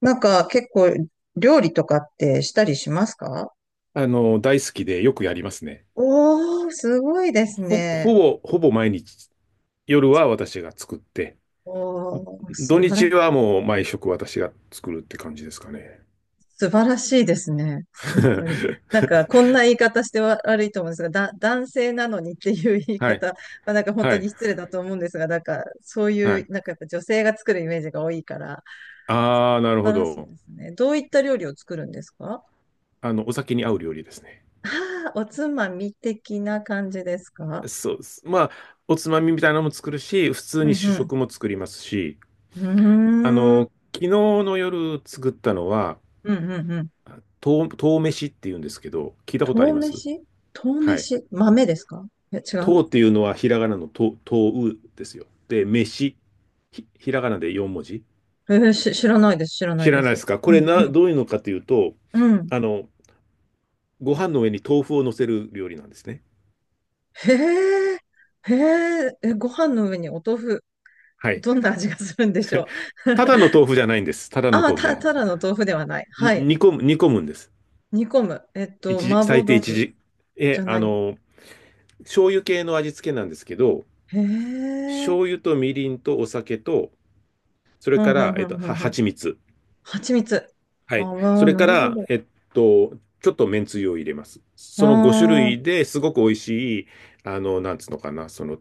なんか結構料理とかってしたりしますか？大好きでよくやりますね。おー、すごいですほ、ね。ほほぼ毎日、夜は私が作って、おー、土日はもう毎食私が作るって感じですかね。素晴らしいですね。本当に。なんかこ んな言い方しては悪いと思うんですが、男性なのにっていう言いはい、方、まあ、なんか本は当い、に失礼だと思うんですが、なんかそうはいう、い。なんかやっぱ女性が作るイメージが多いから、ああ、な素るほ晴らしいど。ですね。どういった料理を作るんですか？お酒に合う料理ですね。ああー、おつまみ的な感じですか？そうです。まあ、おつまみみたいなのも作るし、普通うに主ん食も作りますし、うん。うーん。昨日の夜作ったのは、うんうんうん。とう飯っていうんですけど、聞いたことあ豆ります？飯。豆はい。飯豆ですか？え、違う。とうっていうのはひらがなのとう、とうですよ。で、飯、ひらがなで4文字。えーし、知らないです、知らな知いでらないです。すか？こうん、れな、うどういうのかというと、ん、うん。あの、ご飯の上に豆腐を乗せる料理なんですね。へえ、へえ、え、ご飯の上にお豆腐、はい。どんな味がするんでしょう。ただの 豆腐じゃないんです。ただのああ、豆腐じゃない。ただの豆腐ではない。にはい。煮込む、煮込むんです。煮込む。一時、麻婆最低豆一腐時。じえ、ゃあない。の、醤油系の味付けなんですけど、へえ。醤油とみりんとお酒と、それうん、かうら、ん、うん、うん、うん。蜂蜜。蜂蜜。はあい。あ、それなかるほら、ど。と、ちょっとめんつゆを入れます。あその5種あ、類ですごく美味しい、なんつうのかな、その、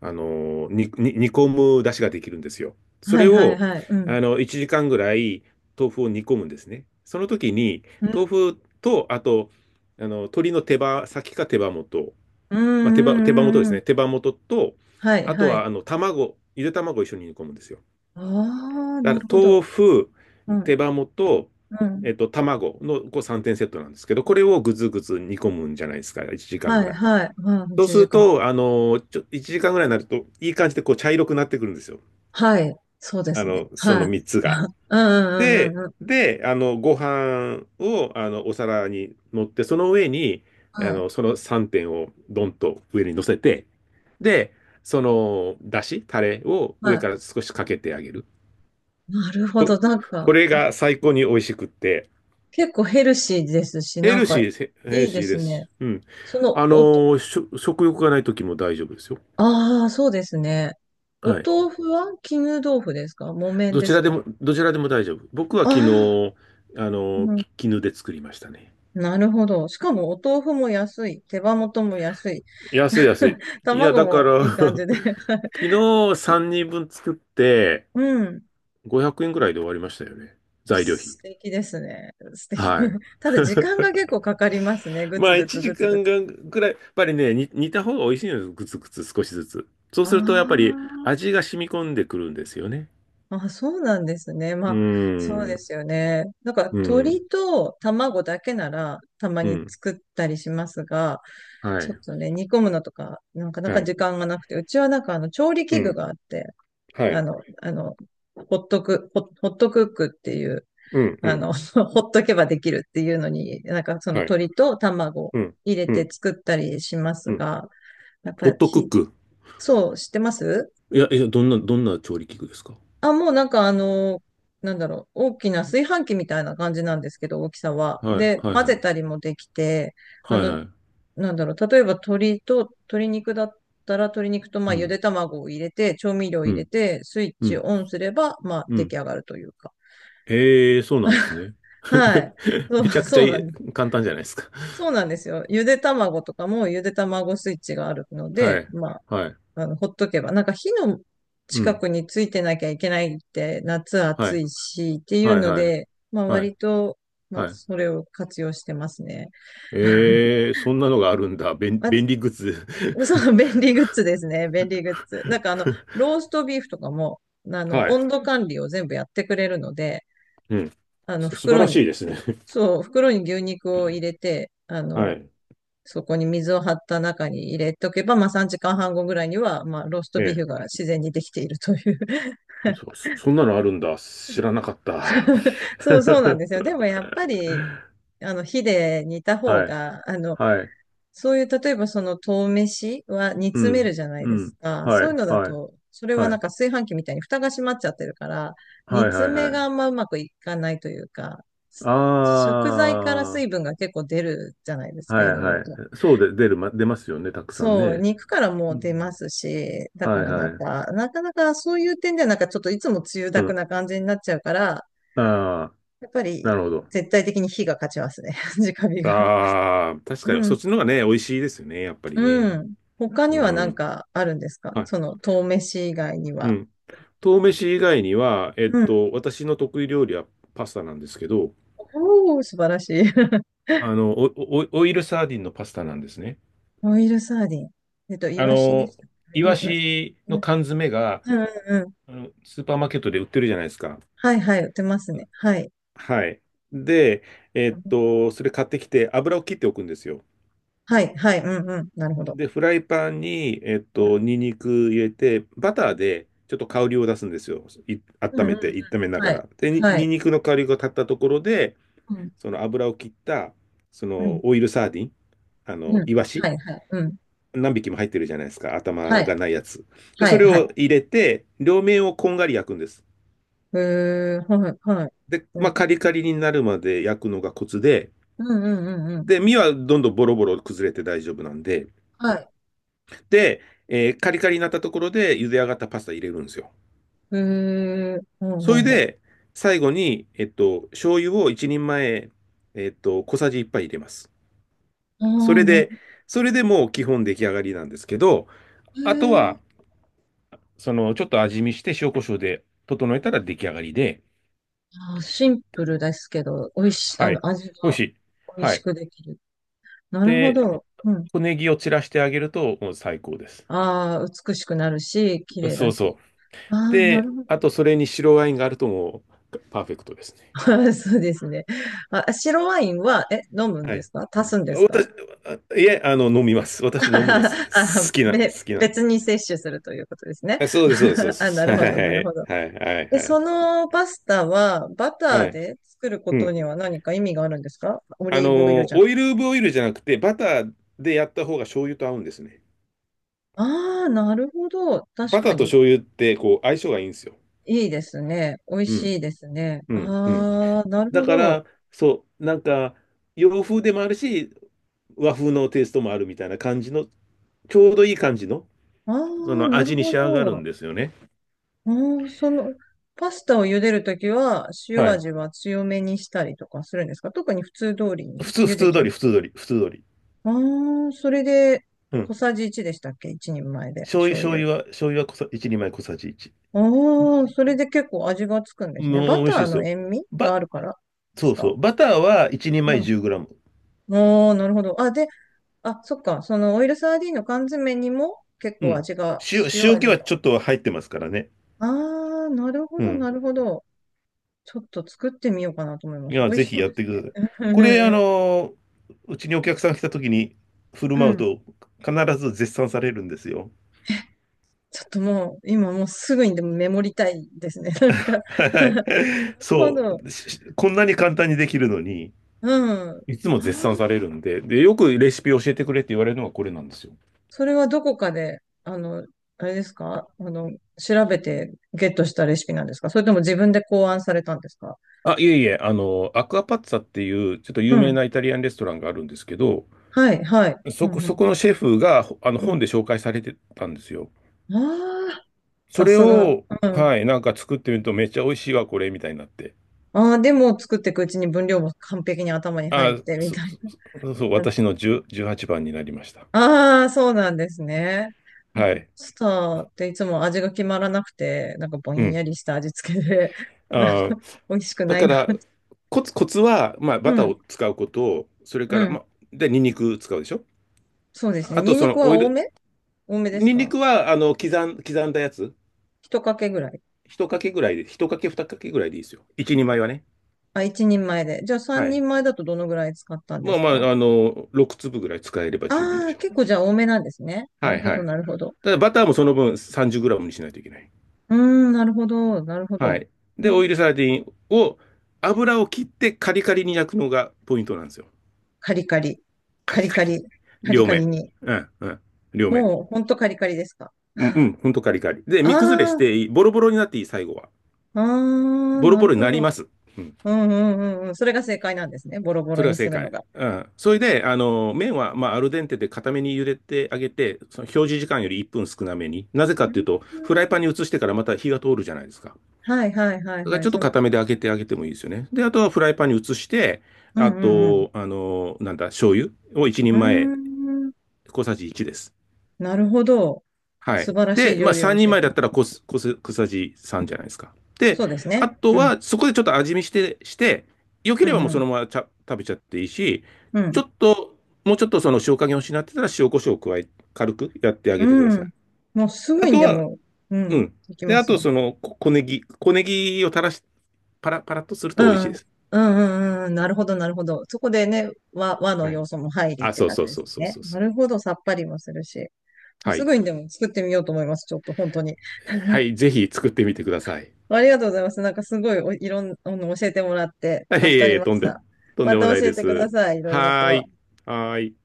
あの、煮込む出汁ができるんですよ。そはれい、はい、を、はい。うん。1時間ぐらい豆腐を煮込むんですね。その時に、うん、豆腐と、あと、鶏の手羽先か手羽元、うん、まあ、手う羽、手羽元でん、うん。すうんね。手羽元と、はい、あとはは、い。卵、ゆで卵を一緒に煮込むんですよ。ああ、だなからるほ豆ど。腐、うん、手羽元、うん。卵のこう3点セットなんですけど、これをぐずぐず煮込むんじゃないですか、1時間はぐい、らい。はい、うん、そう1する時間。と、1時間ぐらいになると、いい感じでこう茶色くなってくるんですよ。はい、そうですね。そはのい。3つが。うんうんうんうで、んうん。で、あの、ご飯を、お皿に乗って、その上に、はい。その3点をドンと上に乗せて、で、その、だし、タレをは上から少しかけてあげる。い。なるほど。となんこか、れおが最高に美味しくって、結構ヘルシーですし、ヘなんルか、シーです、ヘヘいルいでシーすですね。し。うん。そあの、のおと、ーしょ食欲がない時も大丈夫ですよ。ああ、そうですね。おはい。豆腐は絹豆腐ですか木綿どでちすらでか？も、どちらでも大丈夫。僕はあ昨日、ああ。のーうん。き絹で作りましたね。なるほど。しかも、お豆腐も安い。手羽元も安い。安い安い。いや、卵だかもら いい感じで。昨日3人分作ってうん。500円ぐらいで終わりましたよね。材料素費。敵ですね。素敵。はい。ただ時間が結構かかりますね。ぐまつあ、ぐ1つぐつ時ぐ間つ。がぐらい、やっぱりね、煮た方が美味しいのです。グツグツ少しずつ。そうすると、やっぱりあ味が染み込んでくるんですよね。あ、そうなんですね。まうーあ、そうでん、すよね。なんかうん、鶏と卵だけならたまうにん、作ったりしますが、はちょい、っとね、煮込むのとか、なかなはかい、時間がなくて、うちはなんかあの調理う器具ん、があって、はあい、の、あの、ホットクックっていう、うん、うあん、の、ほっとけばできるっていうのに、なんかそのはい、鶏と卵うん、入れうてん、作ったりしまうすん。が、やっホぱットクッひ、ク。そう、知ってますいや、いや、どんな調理器具ですか？あ、もうなんかあの、なんだろう、大きな炊飯器みたいな感じなんですけど、大きさは。はい、で、はい、混はい、ぜたりもできて、あはい、の、はい。なんだろう、例えば鶏肉だったら、鶏肉とうまあゆん、で卵を入れて、調味料をう入れん、て、スイッうチん、オンすれば、まあう出ん。来上がるというか。ええ、そうなんですね。はい。そう、めちゃくちゃそうないんです。い簡単じゃないですか？そうなんですよ。ゆで卵とかもゆで卵スイッチがあるのはで、い、まあ、はい、あの、ほっとけば、なんか火のう近ん、くについてなきゃいけないって、夏は暑い、いしっていうはい、のはい。で、まあはい。割と、まあはい。それを活用してますね。えー、そんなのがあるんだ。便、あ、便利グッズ。そう、便利グッズですね。便利グッズ。なんかあの、ローストビーフとかも、あの、はい。温度管理を全部やってくれるので、うん。あの、素晴袋らに、しいですね。そう、袋に牛肉を入れて、あはの、い。そこに水を張った中に入れとけば、まあ3時間半後ぐらいには、まあローストえビーフえ。が自然にできているという。 そんなのあるんだ。知らなかった。そう そうなんですよ。でもやっぱり、あの火で煮た方はい。が、あの、はい。そういう、例えばその豆飯は煮う詰めるん。じゃないうですん。か。はそういうい。のだはい。と、それははなんい。か炊飯器みたいに蓋が閉まっちゃってるから、煮はい。詰はい。はめがあんい。まうまくいかないというか、す食材からあ水分が結構出るじゃないですあ。か、はい。いろいろはい。と。そうで、出ますよね。たくさんそう、ね。肉からうも出まん。すし、だはかい。らなはんい。か、なかなかそういう点ではなんかちょっといつもつゆうだくん。な感じになっちゃうから、ああ。やっぱなりるほど。絶対的に火が勝ちますね。直火が。ああ、確かうに、そん。っちの方がね、美味しいですよね、やっぱりうね。ん。他うにはなんん。かあるんですか？はい。その、豆飯以外にうは。ん。豆飯以外には、えっうん。と、私の得意料理はパスタなんですけど、おー、素晴らしい。あの、おおオイルサーディンのパスタなんですね。オイルサーディン。イあワシでの、したっイけ。ワな、な、なシうのん缶詰が、うんうん。スーパーマーケットで売ってるじゃないですか。はいはい、売ってますね。はい。はい。で、それ買ってきて、油を切っておくんですよ。はい、はい、うんうん。なるほど。で、フライパンに、ニンニク入れて、バうターんでちょっと香りを出すんですよ。うん温うんめうて、炒めん。なはがい。ら。で、はニンい。ニクの香りが立ったところで、うん、その油を切った、そうん、のオイルサーディン、うん。イワはシ、い、はい、うん。何匹も入ってるじゃないですか。は頭い、がないやつ。で、はそれい、はをい。入れて、両面をこんがり焼くんです。へえ、はい、はい。で、うまあ、ん、カリカリになるまで焼くのがコツで、うん、うん、うん。うんで、身はどんどんボロボロ崩れて大丈夫なんで、はい。で、カリカリになったところで茹で上がったパスタ入れるんですよ。へえ、ほうそほうれほで、最後に、醤油を一人前、小さじ一杯入れます。う。そああ、れなるで、ほそれでもう基本出来上がりなんですけど、どあとね。は、その、ちょっと味見して塩コショウで整えたら出来上がりで、あー、シンプルですけど、美味し、あはい。の、味美味がしい。美味はしい。くできる。なるほで、ど。うん。小ネギを散らしてあげると、もう最高です。ああ、美しくなるし、綺麗そだうそし。う。ああ、なで、るほあど。と、それに白ワインがあるともう、パーフェクトですね。そうですね。あ、白ワインは、え、飲むんはでい。すか足すんですか？ 私、あいえ、あの、飲みます。私飲むのあ、好きな、好きなん別で。に摂取するということですね。あ、そうです、そうです、そうで あ、なす。るはほど、なるい、ほど。はい、はい、で、はい。そのパスタはバタはーい。で作るこうとん。には何か意味があるんですか？オリーブオイルじゃなオく。イルオブオイルじゃなくて、バターでやった方が醤油と合うんですね。ああ、なるほど。確バターかとに。醤油って、こう、相性がいいんですよ。いいですね。美味うしん、いですね。うん、うん。ああ、なるだほかど。ら、そう、なんか、洋風でもあるし、和風のテイストもあるみたいな感じの、ちょうどいい感じの、あそあ、のなる味に仕ほ上がるんど。ですよね。ああ、その、パスタを茹でるときは、塩はい。味は強めにしたりとかするんですか？特に普通通りに普通、茹普で通ちゃ通う。り、普通通り、普通通り。ああ、それで、うん。小さじ1でしたっけ ?1 人前で、醤油、醤醤油。油は、醤油は小さ、一人前小さじ1。ああ、それで結構味がつくんですね。バもう美タ味しいでーすのよ。塩味がば、あるからでそすうか？そう。バターは1人う前ん。1 0ムああ、なるほど。あ、で、あ、そっか。そのオイルサーディンの缶詰にも結う構ん。味が、塩塩気味はが。ちょっと入ってますからね。ああ、なるほうど、ん。なるほど。ちょっと作ってみようかなと思いまいす。美や、味ぜしひそうやっでてすくね。ださい。うん、こうん、れ、うん。うちにお客さん来た時に振るう舞うんと必ず絶賛されるんですよ。ちょっともう、今もうすぐにでもメモりたいですね。なんか はい。なるほそど。う。こんなに簡単にできるのに、うん。いつもあ絶賛さあ、れるんで、で、よくレシピ教えてくれって言われるのがこれなんですよ。それはどこかで、あの、あれですかあの、調べてゲットしたレシピなんですかそれとも自分で考案されたんですか？あ、いえいえ、アクアパッツァっていう、ちょっとう有名ん。なイタリアンレストランがあるんですけど、はい、はい。うそん、こ、うそん。このシェフがほあのう本ん。で紹介されてたんですよ。ああ、そされすが。を、うん。はい、なんか作ってみるとめっちゃ美味しいわ、これ、みたいになって。ああ、でも作っていくうちに分量も完璧に頭に入っあ、てみそ、たいそ、そう、な。私の10、18番になりました。ああ、そうなんですね。なんはか、パい。スタっていつも味が決まらなくて、なんかぼうんやん。りした味付けで、あなんかー、美味しくだなかいな。ら、コツは、まあ、うバターん、を使うこと、それかうら、まん。あ、で、ニンニク使うでしょ？そうですね。あニと、ンそニクの、はオイ多ル、め多めですニンニか？クは、刻んだやつ、一かけぐらい。一かけぐらいで、一かけ、二かけぐらいでいいですよ。一二枚はね。あ、一人前で。じゃあ三はい。人前だとどのぐらい使ったんでまあすまか？あ、6粒ぐらい使えれば十分でああー、しょう？結構じゃあ多めなんですね。なはるいほはど、い。なるほど。ただバターもその分3 0ムにしないといけない。うーん、なるほど、なるほはど。い。うで、ん。オイルサーディンを、油を切ってカリカリに焼くのがポイントなんですよ。カリカリ、カカリリカカリに。リ、カリ両カ面。リに。うん、うん。両面。もう、ほんとカリカリですか。うん、うん。ほんとカリカリ。で、身崩れしああ、ていい、ボロボロになっていい、最後は。ああ、ボロなボるロにほなりど。ます。うん。うんうんうんうん。それが正解なんですね。ボロボそロれがにす正るの解。が。うん。それで、麺は、まあ、アルデンテで固めに茹でてあげて、その表示時間より1分少なめに。なぜかうっていうんと、フライパンに移してからまた火が通るじゃないですか。はいはいはいがはちい。ょっそとの、固めで揚げてあげてもいいですよね。で、あとはフライパンに移して、うあんうんと、あの、なんだ、醤油を1う人ん。前、うーん。小さじ1です。なるほど。は素い。晴らしいで、ま料あ理を3人教え前てだっくたれる。ら小さじ3じゃないですか。で、そうですあね。とうんはそこでちょっと味見して、して、良けうればんもううそん。のままちゃ食べちゃっていいし、ちょうっと、もうちょっとその塩加減を失ってたら塩コショウを加え、軽くやってあん。げてくだうさい。ん。もうすぐあにとでは、も、ううん、ん。できで、まあすとね。その小ネギを垂らし、パラパラッとするうと美味しいん。です。うんうんうん。なるほど、なるほど。そこでね、和のはい。要素も入りっあ、てそう感そじうでそすうそうね。そうなそう。るほど、さっぱりもするし。もうはすい。ぐにでも作ってみようと思います。ちょっと本当に。はい、ぜひ作ってみてください。ありがとうございます。なんかすごいおいろんな、の教えてもらって い助かえりいえ、ました。とんまでもたない教えでてくだす。さい。いろいろはーと。い。はーい。